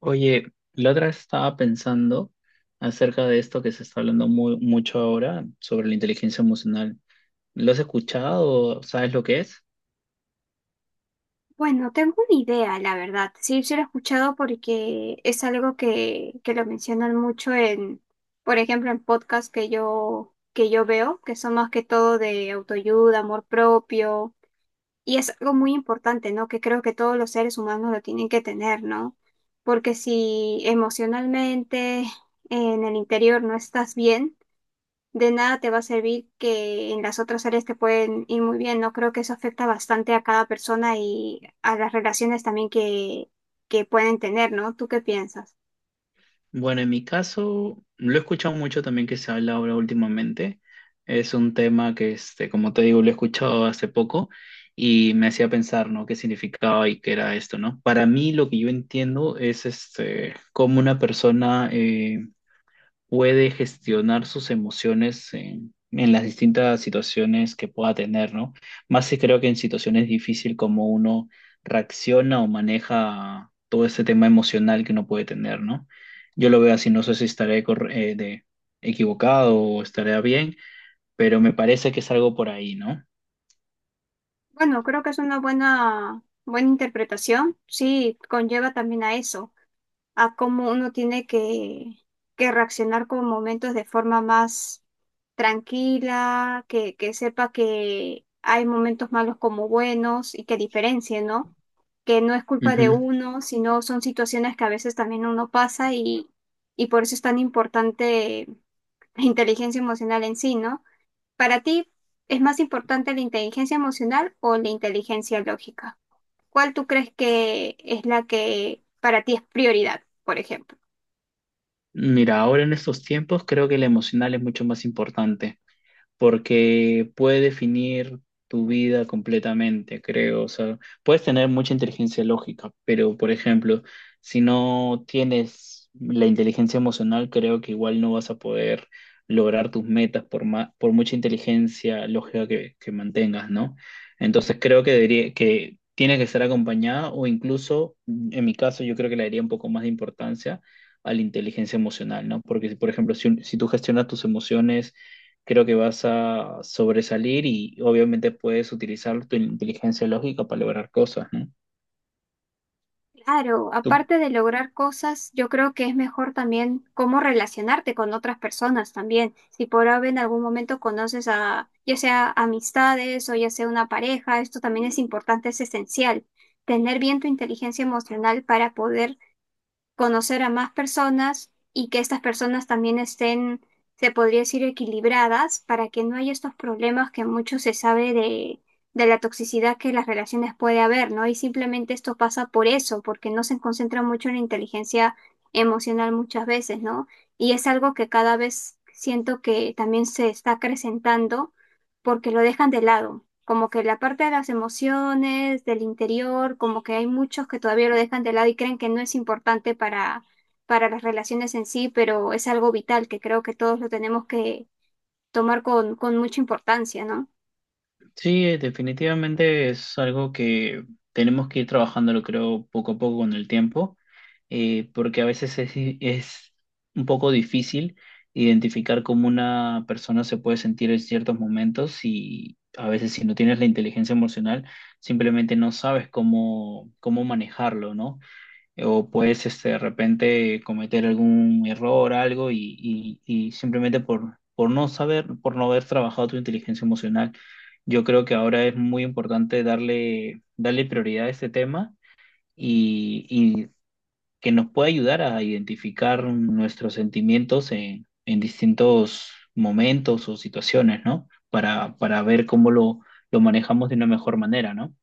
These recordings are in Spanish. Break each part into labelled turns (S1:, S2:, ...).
S1: Oye, la otra vez estaba pensando acerca de esto que se está hablando mucho ahora sobre la inteligencia emocional. ¿Lo has escuchado? ¿Sabes lo que es?
S2: Bueno, tengo una idea, la verdad. Sí, sí lo he escuchado porque es algo que lo mencionan mucho en, por ejemplo, en podcasts que yo veo, que son más que todo de autoayuda, amor propio. Y es algo muy importante, ¿no? Que creo que todos los seres humanos lo tienen que tener, ¿no? Porque si emocionalmente en el interior no estás bien, de nada te va a servir que en las otras áreas te pueden ir muy bien, ¿no? Creo que eso afecta bastante a cada persona y a las relaciones también que pueden tener, ¿no? ¿Tú qué piensas?
S1: Bueno, en mi caso, lo he escuchado mucho también que se habla ahora últimamente. Es un tema que, como te digo, lo he escuchado hace poco y me hacía pensar, ¿no? ¿Qué significaba y qué era esto? ¿No? Para mí, lo que yo entiendo es, cómo una persona puede gestionar sus emociones en las distintas situaciones que pueda tener, ¿no? Más si creo que en situaciones difíciles como uno reacciona o maneja todo este tema emocional que uno puede tener, ¿no? Yo lo veo así, no sé si equivocado o estaré bien, pero me parece que es algo por ahí, ¿no?
S2: Bueno, creo que es una buena, buena interpretación. Sí, conlleva también a eso, a cómo uno tiene que reaccionar con momentos de forma más tranquila, que sepa que hay momentos malos como buenos y que diferencie, ¿no? Que no es culpa de
S1: Ujú.
S2: uno, sino son situaciones que a veces también uno pasa, y por eso es tan importante la inteligencia emocional en sí, ¿no? Para ti, ¿es más importante la inteligencia emocional o la inteligencia lógica? ¿Cuál tú crees que es la que para ti es prioridad, por ejemplo?
S1: Mira, ahora en estos tiempos creo que el emocional es mucho más importante, porque puede definir tu vida completamente, creo. O sea, puedes tener mucha inteligencia lógica, pero por ejemplo, si no tienes la inteligencia emocional, creo que igual no vas a poder lograr tus metas por por mucha inteligencia lógica que, mantengas, ¿no? Entonces creo que que tiene que estar acompañada o incluso, en mi caso, yo creo que le daría un poco más de importancia a la inteligencia emocional, ¿no? Porque, si, por ejemplo, si tú gestionas tus emociones, creo que vas a sobresalir y obviamente puedes utilizar tu inteligencia lógica para lograr cosas, ¿no?
S2: Claro,
S1: Tú...
S2: aparte de lograr cosas, yo creo que es mejor también cómo relacionarte con otras personas también. Si por ahora en algún momento conoces a, ya sea amistades o ya sea una pareja, esto también es importante, es esencial. Tener bien tu inteligencia emocional para poder conocer a más personas y que estas personas también estén, se podría decir, equilibradas para que no haya estos problemas que mucho se sabe de la toxicidad que las relaciones puede haber, ¿no? Y simplemente esto pasa por eso, porque no se concentra mucho en la inteligencia emocional muchas veces, ¿no? Y es algo que cada vez siento que también se está acrecentando porque lo dejan de lado. Como que la parte de las emociones, del interior, como que hay muchos que todavía lo dejan de lado y creen que no es importante para las relaciones en sí, pero es algo vital que creo que todos lo tenemos que tomar con mucha importancia, ¿no?
S1: sí, definitivamente es algo que tenemos que ir trabajándolo, creo, poco a poco con el tiempo, porque a veces es un poco difícil identificar cómo una persona se puede sentir en ciertos momentos, y a veces si no tienes la inteligencia emocional, simplemente no sabes cómo manejarlo, ¿no? O puedes de repente cometer algún error, algo, y simplemente por no saber, por no haber trabajado tu inteligencia emocional. Yo creo que ahora es muy importante darle prioridad a este tema y que nos pueda ayudar a identificar nuestros sentimientos en distintos momentos o situaciones, ¿no? Para ver lo manejamos de una mejor manera, ¿no?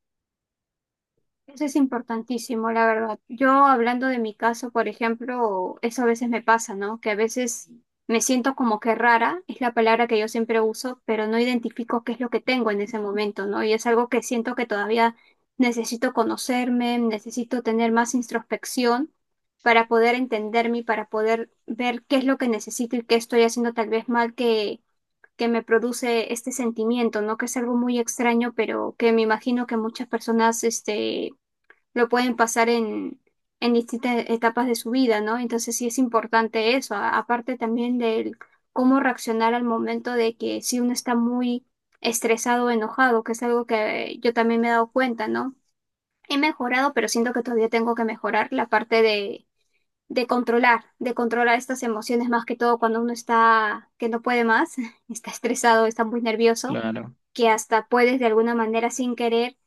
S2: Eso es importantísimo, la verdad. Yo hablando de mi caso, por ejemplo, eso a veces me pasa, ¿no? Que a veces me siento como que rara, es la palabra que yo siempre uso, pero no identifico qué es lo que tengo en ese momento, ¿no? Y es algo que siento que todavía necesito conocerme, necesito tener más introspección para poder entenderme y para poder ver qué es lo que necesito y qué estoy haciendo tal vez mal que me produce este sentimiento, ¿no? Que es algo muy extraño, pero que me imagino que muchas personas, este, lo pueden pasar en distintas etapas de su vida, ¿no? Entonces sí es importante eso, a- aparte también del cómo reaccionar al momento de que si uno está muy estresado o enojado, que es algo que yo también me he dado cuenta, ¿no? He mejorado, pero siento que todavía tengo que mejorar la parte de controlar estas emociones más que todo cuando uno está, que no puede más, está estresado, está muy nervioso,
S1: Claro.
S2: que hasta puedes de alguna manera sin querer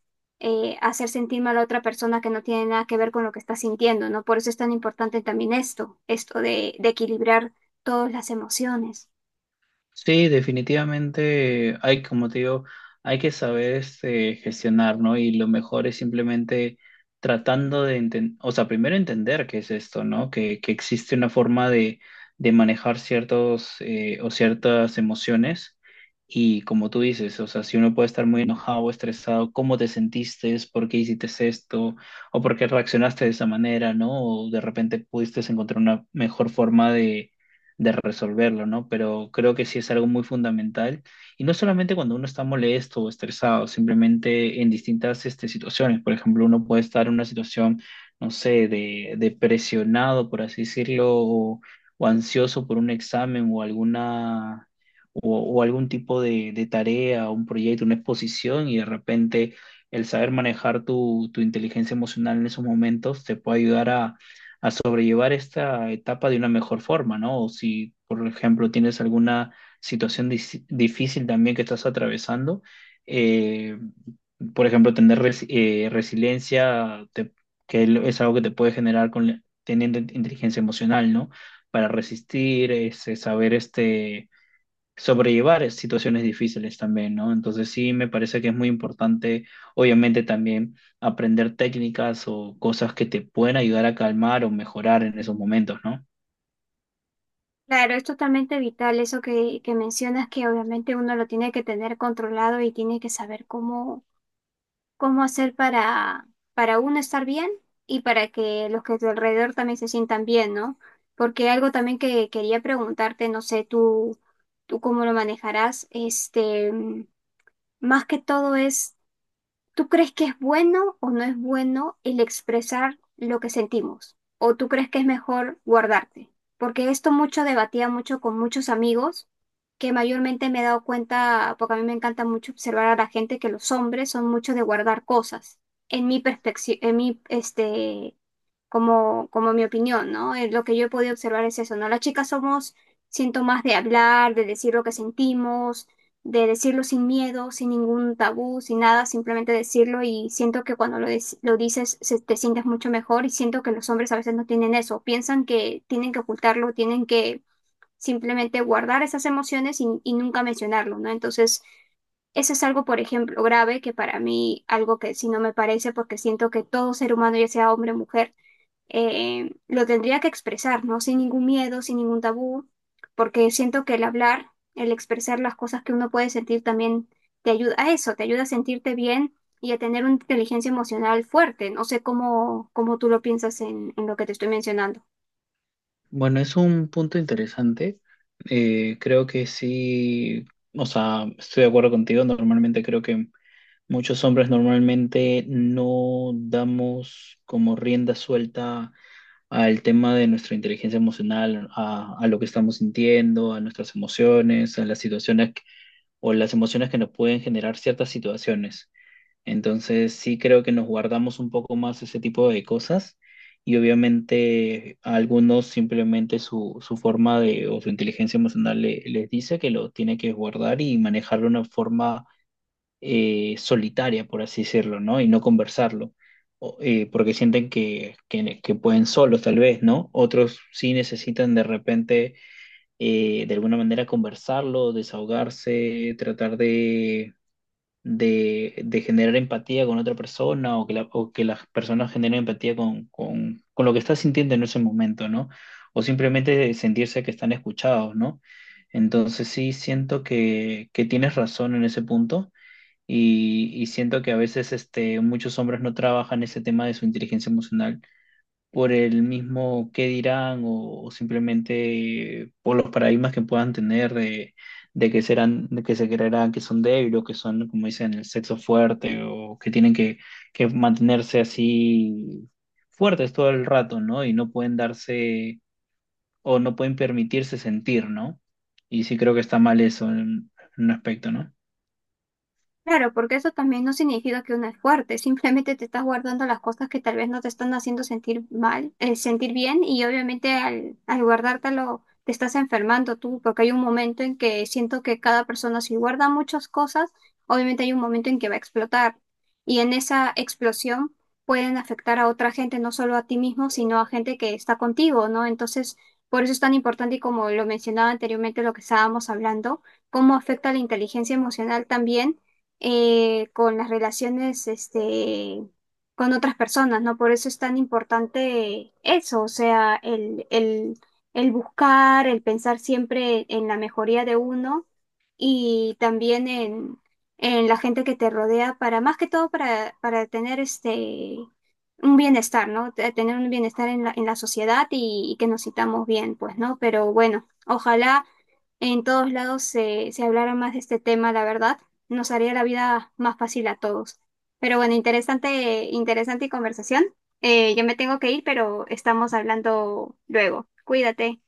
S2: hacer sentir mal a otra persona que no tiene nada que ver con lo que está sintiendo, ¿no? Por eso es tan importante también esto de equilibrar todas las emociones.
S1: Sí, definitivamente hay, como te digo, hay que saber gestionar, ¿no? Y lo mejor es simplemente tratando de entender, o sea, primero entender qué es esto, ¿no? Que existe una forma de manejar ciertos o ciertas emociones. Y como tú dices, o sea, si uno puede estar muy enojado o estresado, ¿cómo te sentiste? ¿Por qué hiciste esto? ¿O por qué reaccionaste de esa manera? ¿No? O de repente pudiste encontrar una mejor forma de resolverlo, ¿no? Pero creo que sí es algo muy fundamental. Y no solamente cuando uno está molesto o estresado, simplemente en distintas situaciones. Por ejemplo, uno puede estar en una situación, no sé, de presionado, por así decirlo, o ansioso por un examen o alguna... O, o algún tipo de tarea, un proyecto, una exposición, y de repente el saber manejar tu inteligencia emocional en esos momentos te puede ayudar a sobrellevar esta etapa de una mejor forma, ¿no? O si, por ejemplo, tienes alguna situación difícil también que estás atravesando, eh, por ejemplo, tener resiliencia, es algo que te puede generar con teniendo inteligencia emocional, ¿no? Para resistir, saber sobrellevar situaciones difíciles también, ¿no? Entonces sí, me parece que es muy importante, obviamente también aprender técnicas o cosas que te pueden ayudar a calmar o mejorar en esos momentos, ¿no?
S2: Claro, es totalmente vital eso que mencionas, que obviamente uno lo tiene que tener controlado y tiene que saber cómo, cómo hacer para uno estar bien y para que los que a tu alrededor también se sientan bien, ¿no? Porque algo también que quería preguntarte, no sé, tú cómo lo manejarás, este, más que todo es, ¿tú crees que es bueno o no es bueno el expresar lo que sentimos? ¿O tú crees que es mejor guardarte? Porque esto mucho debatía mucho con muchos amigos, que mayormente me he dado cuenta, porque a mí me encanta mucho observar a la gente, que los hombres son mucho de guardar cosas. En mi perspectiva, en mi, este, como, como mi opinión, ¿no? Lo que yo he podido observar es eso, ¿no? Las chicas somos, siento más de hablar, de decir lo que sentimos, de decirlo sin miedo, sin ningún tabú, sin nada, simplemente decirlo y siento que cuando lo dices te sientes mucho mejor y siento que los hombres a veces no tienen eso, piensan que tienen que ocultarlo, tienen que simplemente guardar esas emociones y nunca mencionarlo, ¿no? Entonces... eso es algo, por ejemplo, grave, que para mí algo que si no me parece, porque siento que todo ser humano, ya sea hombre o mujer, lo tendría que expresar, ¿no? Sin ningún miedo, sin ningún tabú, porque siento que el hablar, el expresar las cosas que uno puede sentir también te ayuda a eso, te ayuda a sentirte bien y a tener una inteligencia emocional fuerte. No sé cómo, cómo tú lo piensas en lo que te estoy mencionando.
S1: Bueno, es un punto interesante. Creo que sí, o sea, estoy de acuerdo contigo. Normalmente creo que muchos hombres normalmente no damos como rienda suelta al tema de nuestra inteligencia emocional, a lo que estamos sintiendo, a nuestras emociones, a las situaciones que... o las emociones que nos pueden generar ciertas situaciones. Entonces, sí creo que nos guardamos un poco más ese tipo de cosas y obviamente a algunos simplemente su forma de o su inteligencia emocional les dice que lo tiene que guardar y manejarlo de una forma solitaria, por así decirlo, ¿no? Y no conversarlo, porque sienten que pueden solos, tal vez, ¿no? Otros sí necesitan de repente, de alguna manera, conversarlo, desahogarse, tratar de generar empatía con otra persona o o que las personas generen empatía con lo que está sintiendo en ese momento, ¿no? O simplemente sentirse que están escuchados, ¿no? Entonces sí siento que tienes razón en ese punto y siento que a veces muchos hombres no trabajan ese tema de su inteligencia emocional por el mismo qué dirán o simplemente por los paradigmas que puedan tener de que serán, de que se creerán que son débiles o que son, como dicen, el sexo fuerte o que tienen que mantenerse así fuertes todo el rato, ¿no? Y no pueden darse o no pueden permitirse sentir, ¿no? Y sí creo que está mal eso en un aspecto, ¿no?
S2: Claro, porque eso también no significa que uno es fuerte, simplemente te estás guardando las cosas que tal vez no te están haciendo sentir mal, sentir bien y obviamente al guardártelo te estás enfermando tú, porque hay un momento en que siento que cada persona si guarda muchas cosas, obviamente hay un momento en que va a explotar y en esa explosión pueden afectar a otra gente, no solo a ti mismo, sino a gente que está contigo, ¿no? Entonces, por eso es tan importante y como lo mencionaba anteriormente, lo que estábamos hablando, cómo afecta la inteligencia emocional también, con las relaciones este, con otras personas, ¿no? Por eso es tan importante eso, o sea, el buscar, el pensar siempre en la mejoría de uno y también en la gente que te rodea para, más que todo, para tener este... un bienestar, ¿no? Te- tener un bienestar en la sociedad y que nos sintamos bien, pues, ¿no? Pero bueno, ojalá en todos lados se, se hablara más de este tema, la verdad nos haría la vida más fácil a todos. Pero bueno, interesante, interesante conversación. Yo me tengo que ir, pero estamos hablando luego. Cuídate.